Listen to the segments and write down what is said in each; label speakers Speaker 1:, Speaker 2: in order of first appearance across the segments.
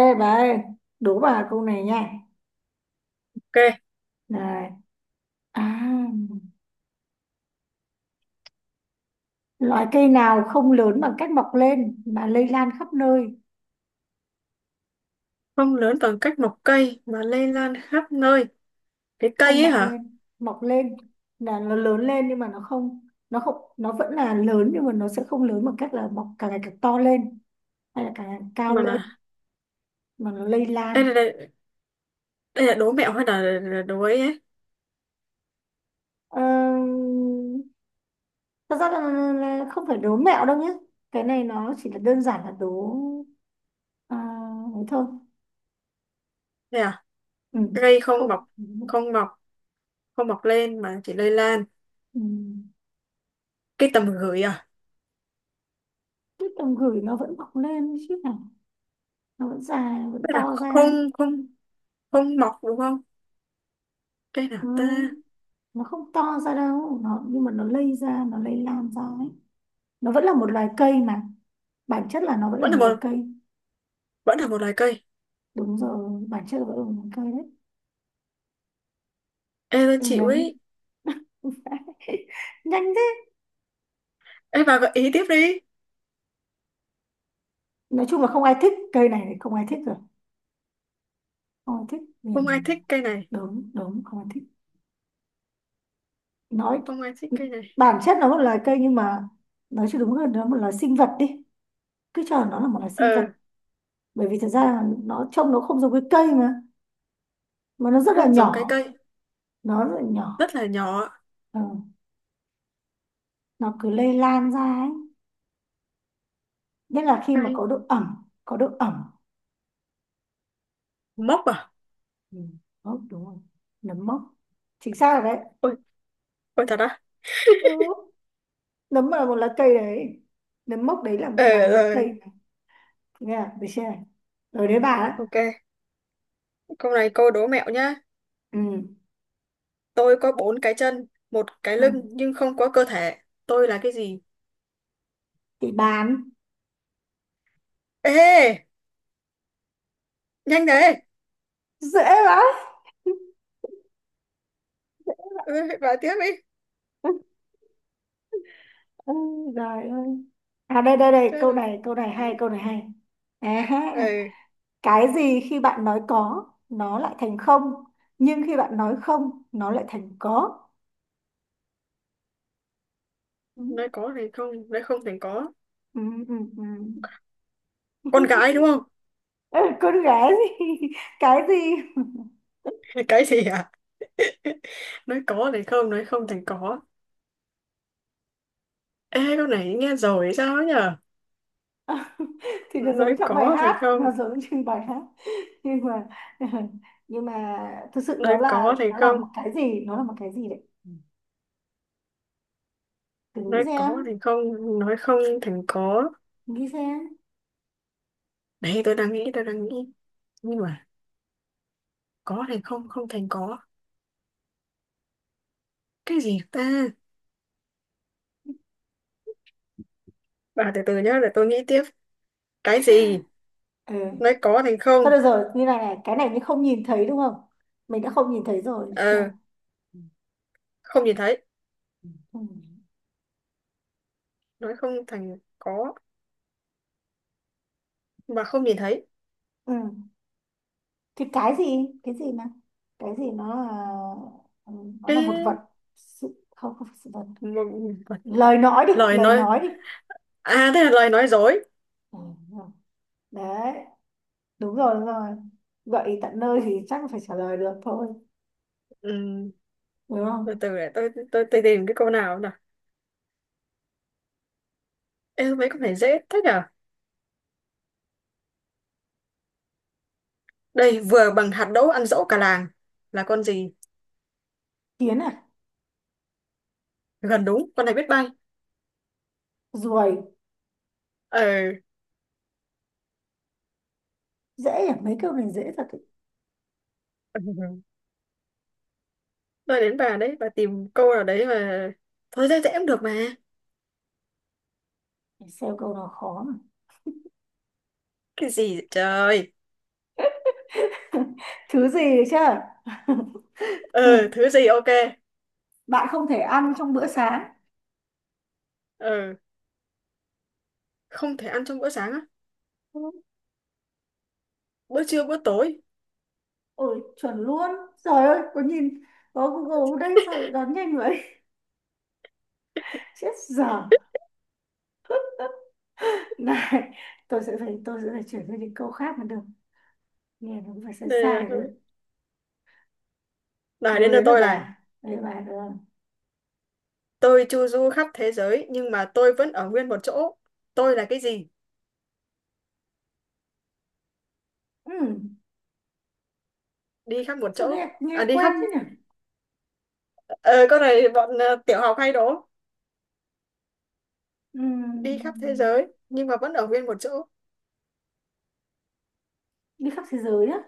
Speaker 1: Ê bà ơi, đố bà câu này nha.
Speaker 2: Ok,
Speaker 1: Này, à, loại cây nào không lớn bằng cách mọc lên mà lây lan khắp nơi,
Speaker 2: không lớn bằng cách một cây mà lây lan khắp nơi. Cái
Speaker 1: không
Speaker 2: cây ấy
Speaker 1: mọc
Speaker 2: hả?
Speaker 1: lên, mọc lên là nó lớn lên nhưng mà nó không, nó vẫn là lớn nhưng mà nó sẽ không lớn bằng cách là mọc càng ngày càng to lên hay là càng ngày càng cao
Speaker 2: Mà
Speaker 1: lên mà nó lây lan.
Speaker 2: là đây, đây là đố mẹo hay là đố ấy ấy?
Speaker 1: Ờ, thật ra là không phải đố mẹo đâu nhé. Cái này nó chỉ là đơn giản là đố à, ấy thôi.
Speaker 2: Đây à?
Speaker 1: Ừ,
Speaker 2: Cây không mọc,
Speaker 1: không. Ừ.
Speaker 2: không mọc, không mọc lên mà chỉ lây lan.
Speaker 1: Ừ.
Speaker 2: Cây tầm gửi à?
Speaker 1: Cái tầm gửi nó vẫn mọc lên chứ hả? Nó vẫn dài, nó
Speaker 2: Tức
Speaker 1: vẫn
Speaker 2: là
Speaker 1: to
Speaker 2: không
Speaker 1: ra.
Speaker 2: không không mọc đúng không? Cây nào
Speaker 1: Ừ.
Speaker 2: ta?
Speaker 1: Nó không to ra đâu, nó nhưng mà nó lây ra, nó lây lan ra ấy. Nó vẫn là một loài cây mà. Bản chất là nó vẫn là
Speaker 2: Vẫn
Speaker 1: một
Speaker 2: là
Speaker 1: loài
Speaker 2: một
Speaker 1: cây.
Speaker 2: vẫn là một loài cây.
Speaker 1: Đúng rồi, bản chất là vẫn là một loài cây đấy.
Speaker 2: Ê tôi
Speaker 1: Đừng
Speaker 2: chịu
Speaker 1: đấy.
Speaker 2: ấy.
Speaker 1: Nhanh thế.
Speaker 2: Ê bà gợi ý tiếp đi.
Speaker 1: Nói chung là không ai thích cây này thì không ai thích rồi. Không ai thích. Ừ.
Speaker 2: Không ai thích cây này,
Speaker 1: Đúng, đúng, không ai thích. Nói
Speaker 2: không ai thích cây này.
Speaker 1: bản chất nó là một loài cây nhưng mà nói cho đúng hơn nó là một loài sinh vật đi. Cứ cho nó là một loài sinh
Speaker 2: Ờ,
Speaker 1: vật bởi vì thật ra là nó trông nó không giống cái cây mà nó rất là
Speaker 2: không giống cái
Speaker 1: nhỏ,
Speaker 2: cây,
Speaker 1: nó rất là nhỏ.
Speaker 2: rất là nhỏ.
Speaker 1: Ừ. Nó cứ lây lan ra ấy, nhất là khi mà
Speaker 2: Cây
Speaker 1: có độ ẩm, có độ ẩm.
Speaker 2: mốc à?
Speaker 1: Ừ. Mốc, đúng rồi, nấm mốc, chính xác rồi đấy.
Speaker 2: Ôi, ôi thật á?
Speaker 1: Ừ. Nấm là một lá cây đấy, nấm mốc đấy
Speaker 2: Ờ,
Speaker 1: là một lá
Speaker 2: ờ.
Speaker 1: cây này. Nghe à? Được chưa này, rồi đấy bà đấy.
Speaker 2: Ok, câu này câu đố mẹo nhá.
Speaker 1: Ừ.
Speaker 2: Tôi có bốn cái chân, một cái
Speaker 1: Ừ.
Speaker 2: lưng nhưng không có cơ thể. Tôi là cái gì?
Speaker 1: Thì bán
Speaker 2: Ê, nhanh đấy.
Speaker 1: dễ quá.
Speaker 2: Ừ, vào tiếp đi.
Speaker 1: Ôi, ơi. À đây đây đây
Speaker 2: Chết rồi.
Speaker 1: câu này hay câu này hay. À ha.
Speaker 2: Ừ,
Speaker 1: Cái gì khi bạn nói có nó lại thành không nhưng khi bạn nói không nó lại thành có. ừ,
Speaker 2: nói có thì không, nói không thì có.
Speaker 1: ừ, ừ, ừ.
Speaker 2: Con gái đúng không?
Speaker 1: Ừ, con gái gì. Cái gì?
Speaker 2: Cái gì à? Nói có thì không, nói không thì có. Ê, câu này nghe rồi hay sao ấy nhở?
Speaker 1: Thì nó
Speaker 2: Nói
Speaker 1: giống trong bài
Speaker 2: có thì
Speaker 1: hát,
Speaker 2: không,
Speaker 1: nó giống trên bài hát, nhưng mà nhưng mà thực sự đó
Speaker 2: nói
Speaker 1: là
Speaker 2: có thì
Speaker 1: nó là
Speaker 2: không,
Speaker 1: một cái gì, nó là một cái gì đấy. Ừ. Thử nghĩ
Speaker 2: nói
Speaker 1: xem,
Speaker 2: có thì không, nói không thì có.
Speaker 1: nghĩ xem.
Speaker 2: Đấy, tôi đang nghĩ, tôi đang nghĩ. Nhưng mà có thì không, không thành có. Cái gì ta? Bà từ từ nhá để tôi nghĩ tiếp. Cái gì?
Speaker 1: Ừ.
Speaker 2: Nói có thành
Speaker 1: Thôi
Speaker 2: không.
Speaker 1: được rồi, như này này, cái này như không nhìn thấy đúng không, mình đã không nhìn thấy rồi được chưa.
Speaker 2: Ờ, không nhìn thấy.
Speaker 1: Ừ.
Speaker 2: Nói không thành có mà không nhìn thấy.
Speaker 1: Ừ. Thì cái gì, cái gì mà, cái gì nó là, nó
Speaker 2: Cái...
Speaker 1: là một vật, sự không, không phải sự vật,
Speaker 2: Một...
Speaker 1: lời nói đi,
Speaker 2: lời
Speaker 1: lời
Speaker 2: nói.
Speaker 1: nói đi.
Speaker 2: À, thế là lời nói dối.
Speaker 1: Ừ, đúng rồi. Đấy, đúng rồi, đúng rồi, gợi ý tận nơi thì chắc phải trả lời được thôi,
Speaker 2: Ừm,
Speaker 1: đúng
Speaker 2: từ
Speaker 1: không.
Speaker 2: từ để tôi tìm cái câu nào nào. Ê, mấy con này dễ thế nhở? Đây, vừa bằng hạt đỗ ăn dỗ cả làng là con gì?
Speaker 1: Kiến à.
Speaker 2: Gần đúng. Con này biết bay.
Speaker 1: Ruồi.
Speaker 2: Ờ.
Speaker 1: Dễ à, mấy câu này dễ thật ý.
Speaker 2: Ừ. Tôi đến bà đấy, bà tìm câu nào đấy mà. Thôi dễ dễ cũng được mà.
Speaker 1: Để xem câu nào khó mà.
Speaker 2: Cái gì vậy trời?
Speaker 1: Thứ gì đấy chứ.
Speaker 2: Ừ. Thứ gì? Ok.
Speaker 1: Bạn không thể ăn trong bữa sáng.
Speaker 2: Ờ. Không thể ăn trong bữa sáng á? Bữa trưa, bữa tối.
Speaker 1: Ôi chuẩn luôn, trời ơi có nhìn, có Google đây sao lại đoán nhanh vậy. Chết dở. Này, tôi sẽ phải chuyển sang những câu khác mới được. Nghe nó cũng phải sai
Speaker 2: đây
Speaker 1: sai
Speaker 2: là
Speaker 1: đấy.
Speaker 2: này
Speaker 1: Đâu
Speaker 2: đến lượt
Speaker 1: đấy là
Speaker 2: tôi này.
Speaker 1: bà. Đấy là bà được không?
Speaker 2: Tôi chu du khắp thế giới nhưng mà tôi vẫn ở nguyên một chỗ. Tôi là cái gì?
Speaker 1: Ừ,
Speaker 2: Đi khắp một
Speaker 1: sao nghe,
Speaker 2: chỗ.
Speaker 1: nghe
Speaker 2: À, đi
Speaker 1: quen
Speaker 2: khắp.
Speaker 1: thế nhỉ?
Speaker 2: Ờ con này bọn, tiểu học hay đố.
Speaker 1: Ừ,
Speaker 2: Đi khắp thế giới nhưng mà vẫn ở nguyên một chỗ.
Speaker 1: đi khắp thế giới á.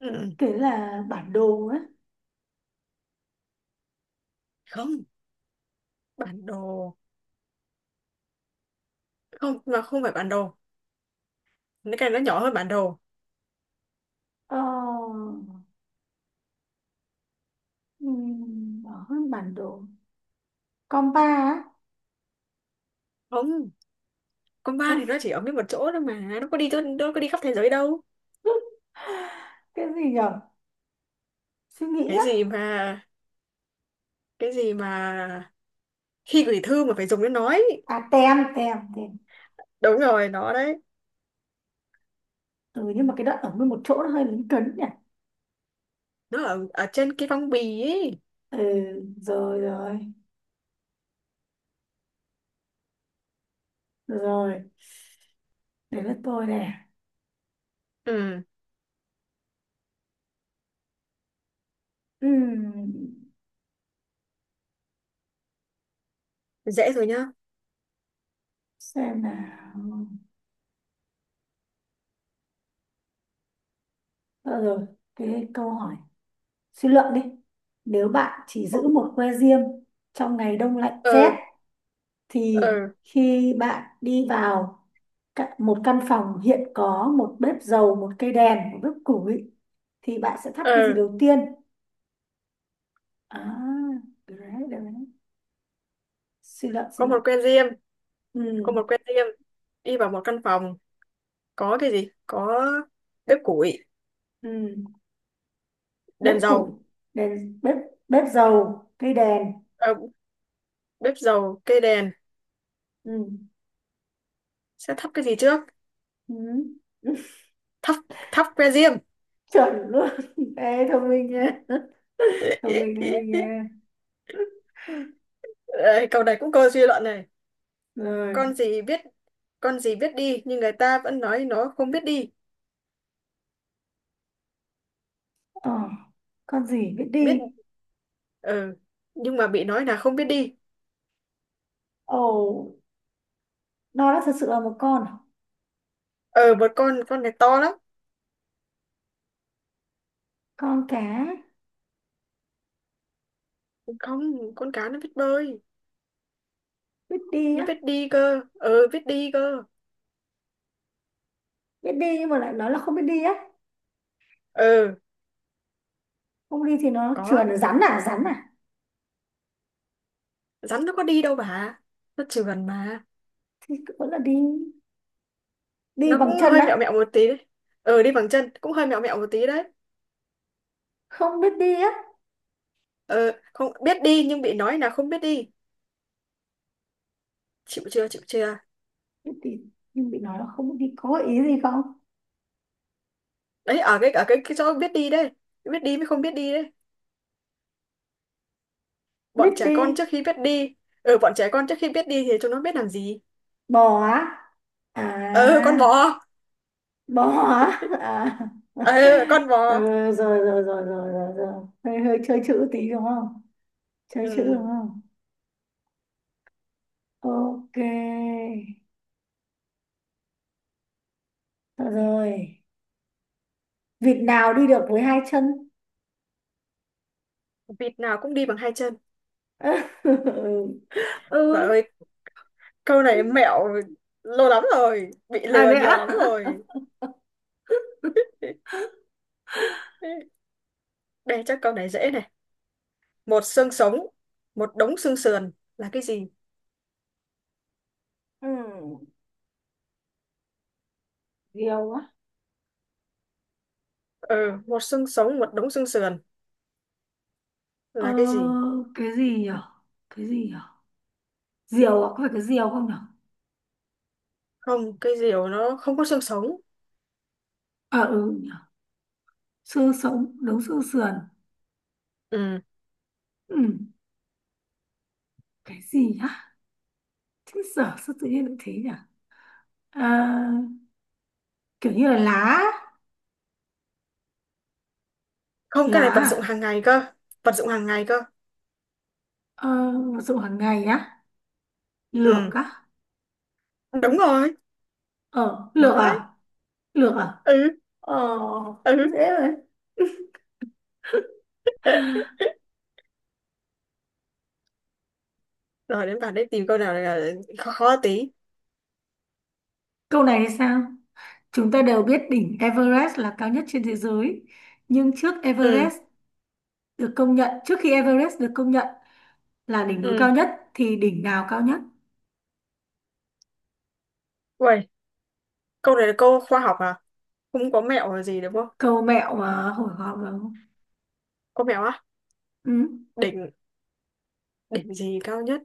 Speaker 2: Ừ. Ừ.
Speaker 1: Kể là bản đồ á.
Speaker 2: Không. Bản đồ. Không, mà không phải bản đồ. Cái này nó nhỏ hơn bản đồ.
Speaker 1: Ờ, ừ, bỏ hơn bản đồ. Compa á.
Speaker 2: Không, con ba thì nó chỉ ở nguyên một chỗ thôi mà nó có đi khắp thế giới đâu.
Speaker 1: Cái gì nhỉ? Suy nghĩ
Speaker 2: cái
Speaker 1: á.
Speaker 2: gì mà cái gì mà khi gửi thư mà phải dùng đến nói, ấy.
Speaker 1: À, tem, tem, tem.
Speaker 2: Đúng rồi, nó đấy.
Speaker 1: Ừ, nhưng mà cái đoạn ở nguyên một chỗ nó hơi lấn cấn nhỉ?
Speaker 2: Nó ở trên cái phong bì ấy.
Speaker 1: Ừ, rồi, rồi, rồi. Đấy là tôi nè.
Speaker 2: Ừ.
Speaker 1: Ừ.
Speaker 2: Dễ rồi nhá.
Speaker 1: Xem nào. Ờ rồi, cái câu hỏi suy luận đi, nếu bạn chỉ
Speaker 2: Ô.
Speaker 1: giữ một que diêm trong ngày đông lạnh
Speaker 2: Ờ,
Speaker 1: rét
Speaker 2: ờ,
Speaker 1: thì khi bạn đi vào một căn phòng hiện có một bếp dầu, một cây đèn, một bếp củi thì bạn sẽ thắp
Speaker 2: ờ.
Speaker 1: cái gì đầu tiên. À được đấy, được đấy, suy luận, suy
Speaker 2: Có một
Speaker 1: luận.
Speaker 2: que diêm. Có
Speaker 1: Ừ.
Speaker 2: một que diêm, đi vào một căn phòng, có cái gì? Có bếp củi,
Speaker 1: Ừ. Bếp
Speaker 2: đèn
Speaker 1: củi,
Speaker 2: dầu.
Speaker 1: đèn bếp, bếp dầu, cây đèn.
Speaker 2: Ờ, bếp dầu, cây đèn.
Speaker 1: Ừ.
Speaker 2: Sẽ thắp cái gì trước?
Speaker 1: Ừ.
Speaker 2: Thắp thắp que diêm.
Speaker 1: Chuẩn luôn. Ê, thông minh nha, thông minh nha.
Speaker 2: Ê, câu này cũng câu suy luận này.
Speaker 1: Rồi.
Speaker 2: Con gì biết con gì biết đi nhưng người ta vẫn nói nó không biết đi.
Speaker 1: Ờ, con gì biết
Speaker 2: Biết.
Speaker 1: đi.
Speaker 2: Ừ. Nhưng mà bị nói là không biết đi.
Speaker 1: Ồ, nó đã thật sự là một con à?
Speaker 2: Ờ một con này to lắm.
Speaker 1: Con cá.
Speaker 2: Không, con cá nó biết bơi.
Speaker 1: Biết đi
Speaker 2: Nó
Speaker 1: á.
Speaker 2: biết đi cơ, biết đi cơ.
Speaker 1: Biết đi nhưng mà lại nói là không biết đi á.
Speaker 2: Ờ.
Speaker 1: Không đi thì nó
Speaker 2: Có.
Speaker 1: trườn, là rắn à, rắn à.
Speaker 2: Rắn nó có đi đâu bà. Nó trườn mà.
Speaker 1: Thì vẫn là đi, đi
Speaker 2: Nó
Speaker 1: bằng
Speaker 2: cũng
Speaker 1: chân
Speaker 2: hơi mẹo
Speaker 1: á.
Speaker 2: mẹo một tí đấy. Ờ, đi bằng chân cũng hơi mẹo mẹo một tí đấy.
Speaker 1: Không biết đi á.
Speaker 2: Ờ, không biết đi nhưng bị nói là không biết đi. Chịu chưa? Chịu chưa?
Speaker 1: Biết đi nhưng bị nói là không biết đi, có gợi ý gì không.
Speaker 2: Đấy, ở cái chỗ biết đi đấy. Biết đi mới không biết đi đấy.
Speaker 1: Biết
Speaker 2: Bọn trẻ
Speaker 1: đi.
Speaker 2: con trước khi biết đi. Ờ, bọn trẻ con trước khi biết đi thì chúng nó biết làm gì?
Speaker 1: Bò á. À,
Speaker 2: Ờ, con bò.
Speaker 1: bó hả à.
Speaker 2: Ờ, con
Speaker 1: Ừ,
Speaker 2: bò.
Speaker 1: rồi, rồi rồi rồi rồi rồi, hơi hơi chơi chữ tí đúng không, chơi chữ đúng
Speaker 2: Ừ,
Speaker 1: không. Ok. Được rồi, vịt nào đi được với hai chân.
Speaker 2: vịt nào cũng đi bằng hai chân.
Speaker 1: Ừ.
Speaker 2: Bà
Speaker 1: Ừ.
Speaker 2: ơi, câu này mẹo, lâu lắm rồi bị
Speaker 1: À
Speaker 2: lừa
Speaker 1: thế
Speaker 2: nhiều
Speaker 1: ạ.
Speaker 2: lắm rồi. Đây, chắc câu này dễ này. Một xương sống, một đống xương sườn là cái gì?
Speaker 1: Ừ. Diều á.
Speaker 2: Ừ, một xương sống, một đống xương sườn
Speaker 1: Ờ,
Speaker 2: là cái gì?
Speaker 1: cái gì nhỉ, cái gì nhỉ, diều à, có phải cái diều không nhỉ.
Speaker 2: Không, cái diều nó không có xương sống.
Speaker 1: À ừ nhỉ. Xương sống đấu xương sườn.
Speaker 2: Ừ.
Speaker 1: Ừ. Cái gì nhá, chứ giờ sao tự nhiên lại thế nhỉ. À, kiểu như là lá.
Speaker 2: Không,
Speaker 1: Lá
Speaker 2: cái này vật dụng
Speaker 1: à?
Speaker 2: hàng ngày cơ. Vật dụng hàng ngày cơ.
Speaker 1: Ờ, dụng hàng ngày á, lược
Speaker 2: Ừ.
Speaker 1: á.
Speaker 2: Đúng rồi,
Speaker 1: Ờ lược
Speaker 2: nó đấy.
Speaker 1: à. Lược à.
Speaker 2: Ừ.
Speaker 1: Ờ.
Speaker 2: Ừ.
Speaker 1: Dễ rồi.
Speaker 2: Rồi đến bạn đấy, tìm câu nào là khó khó tí.
Speaker 1: Câu này thì sao, chúng ta đều biết đỉnh Everest là cao nhất trên thế giới nhưng trước
Speaker 2: Ừ.
Speaker 1: Everest được công nhận, trước khi Everest được công nhận là đỉnh núi
Speaker 2: Ừ.
Speaker 1: cao nhất thì đỉnh nào cao nhất.
Speaker 2: Uầy, câu này là câu khoa học à? Không có mẹo là gì đúng không?
Speaker 1: Câu mẹo mà, hồi hộp vào.
Speaker 2: Có mẹo á?
Speaker 1: Ừ.
Speaker 2: Đỉnh, đỉnh gì cao nhất?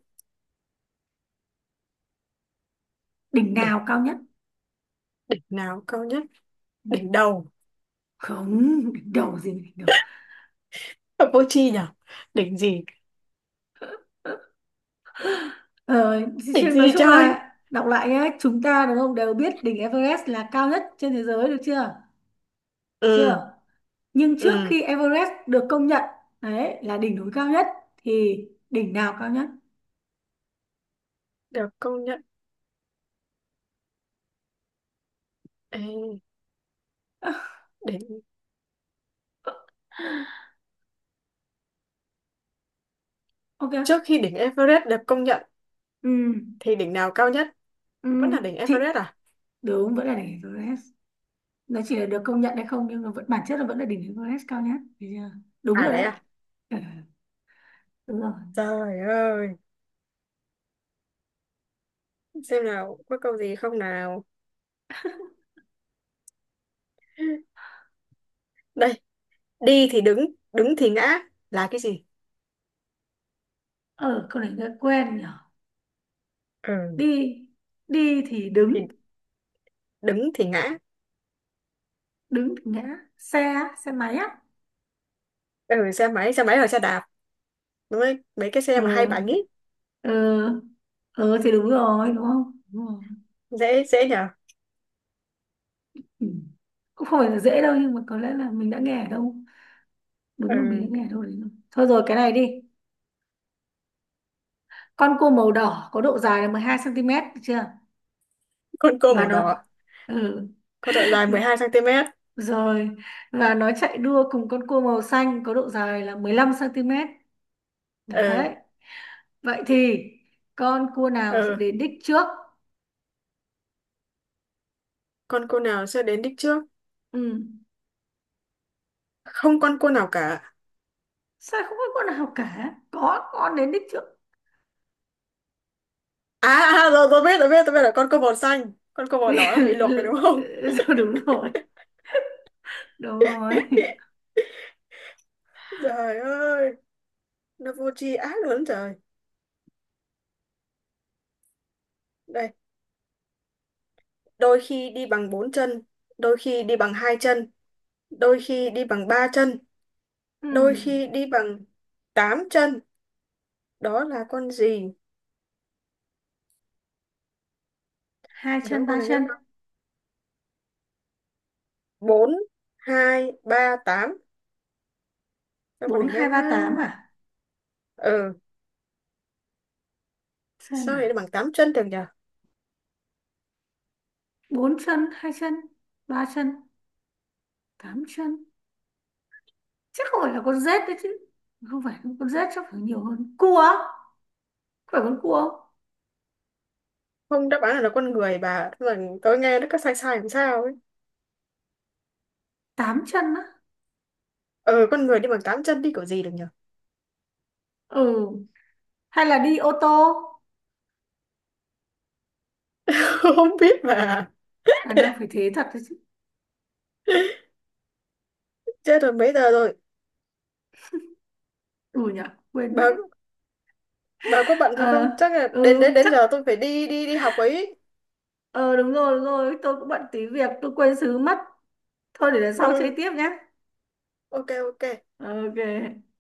Speaker 1: Đỉnh
Speaker 2: Đỉnh,
Speaker 1: nào cao nhất.
Speaker 2: đỉnh nào cao nhất?
Speaker 1: Ừ.
Speaker 2: Đỉnh đầu.
Speaker 1: Không đỉnh đầu gì đỉnh đầu.
Speaker 2: Ở vô tri nhỉ? Đỉnh gì?
Speaker 1: Ờ, chứ
Speaker 2: Đỉnh
Speaker 1: nói
Speaker 2: gì
Speaker 1: chung
Speaker 2: chơi?
Speaker 1: là đọc lại nhé, chúng ta đúng không đều biết đỉnh Everest là cao nhất trên thế giới được chưa? Được
Speaker 2: Ừ,
Speaker 1: chưa. Nhưng trước
Speaker 2: ừ,
Speaker 1: khi Everest được công nhận đấy là đỉnh núi cao nhất thì đỉnh nào cao nhất?
Speaker 2: được công nhận. Ê, đỉnh.
Speaker 1: Ok.
Speaker 2: Trước khi đỉnh Everest được công nhận,
Speaker 1: Ừ.
Speaker 2: thì đỉnh nào cao nhất?
Speaker 1: Ừ.
Speaker 2: Vẫn là đỉnh
Speaker 1: Chị
Speaker 2: Everest à?
Speaker 1: đúng vẫn là đỉnh Everest. Nó chỉ là được công nhận hay không nhưng mà vẫn bản chất là vẫn là đỉnh Everest cao nhất. Được chưa? Đúng
Speaker 2: À
Speaker 1: rồi
Speaker 2: đấy
Speaker 1: đấy.
Speaker 2: à?
Speaker 1: Ừ, đúng rồi.
Speaker 2: Trời ơi, xem nào, có câu gì không nào? Đây, đi thì đứng, đứng thì ngã là cái gì?
Speaker 1: Ờ câu này nghe quen nhỉ.
Speaker 2: Ừ,
Speaker 1: Đi, đi thì đứng,
Speaker 2: thì đứng thì ngã.
Speaker 1: đứng thì ngã, xe á, xe máy á.
Speaker 2: Ừ, xe máy hoặc xe đạp, đúng đấy mấy cái xe
Speaker 1: Ờ.
Speaker 2: mà hai bánh ấy.
Speaker 1: Ờ. Ờ thì đúng rồi đúng không, đúng rồi.
Speaker 2: Dễ dễ nhở.
Speaker 1: Ừ. Cũng không phải là dễ đâu nhưng mà có lẽ là mình đã nghe ở đâu, đúng là mình đã
Speaker 2: Ừ.
Speaker 1: nghe ở đâu đấy rồi thôi, rồi cái này đi. Con cua màu đỏ có độ dài là 12 cm, được chưa,
Speaker 2: Con cô
Speaker 1: và
Speaker 2: màu
Speaker 1: nó,
Speaker 2: đỏ
Speaker 1: ừ.
Speaker 2: có độ dài 12 cm.
Speaker 1: Rồi, và nó chạy đua cùng con cua màu xanh có độ dài là 15 cm,
Speaker 2: Ừ.
Speaker 1: đấy, vậy thì con cua nào sẽ
Speaker 2: Ừ.
Speaker 1: đến đích trước.
Speaker 2: Con cô nào sẽ đến đích trước?
Speaker 1: Ừ.
Speaker 2: Không con cô nào cả.
Speaker 1: Sao không có con nào cả, có con đến đích trước.
Speaker 2: Rồi tôi biết, tôi biết là con cô màu xanh, con cô màu đỏ nó bị luộc rồi đúng không?
Speaker 1: Rồi, đúng rồi, đúng rồi.
Speaker 2: Trời ơi, nó vô tri ác lớn trời. Đây, đôi khi đi bằng bốn chân, đôi khi đi bằng hai chân, đôi khi đi bằng ba chân,
Speaker 1: Ừ.
Speaker 2: đôi khi đi bằng tám chân, đó là con gì?
Speaker 1: Hai
Speaker 2: Đó
Speaker 1: chân
Speaker 2: con
Speaker 1: ba
Speaker 2: này nghe.
Speaker 1: chân.
Speaker 2: Bốn, hai, ba, tám. Sao con
Speaker 1: Bốn
Speaker 2: này nghe
Speaker 1: hai
Speaker 2: nó.
Speaker 1: ba tám à.
Speaker 2: Ừ.
Speaker 1: Xem
Speaker 2: Sao
Speaker 1: nào,
Speaker 2: lại bằng tám chân được nhỉ?
Speaker 1: bốn chân, hai chân, ba chân, tám chân, chắc không phải là con rết đấy chứ, không phải con rết, chắc phải nhiều hơn cua á? Phải con cua không?
Speaker 2: Không, đáp án là con người bà. Thế mà tôi nghe nó có sai sai làm sao ấy.
Speaker 1: Tám chân á.
Speaker 2: Ừ, con người đi bằng tám chân đi kiểu gì được nhỉ.
Speaker 1: Ừ. Hay là đi ô tô.
Speaker 2: Không biết bà.
Speaker 1: Khả năng phải thế thật đấy chứ.
Speaker 2: Chết rồi, mấy giờ rồi?
Speaker 1: Ừ nhỉ, quên mất
Speaker 2: bà
Speaker 1: đấy.
Speaker 2: bà có bận thì
Speaker 1: Ờ.
Speaker 2: không, chắc là đến
Speaker 1: Ừ
Speaker 2: đến đến
Speaker 1: chắc.
Speaker 2: giờ tôi phải đi đi đi học ấy.
Speaker 1: Ờ đúng rồi, đúng rồi, tôi cũng bận tí việc tôi quên xứ mất, thôi để lần sau chơi
Speaker 2: Ừ.
Speaker 1: tiếp nhé.
Speaker 2: Ok, ok.
Speaker 1: Ok.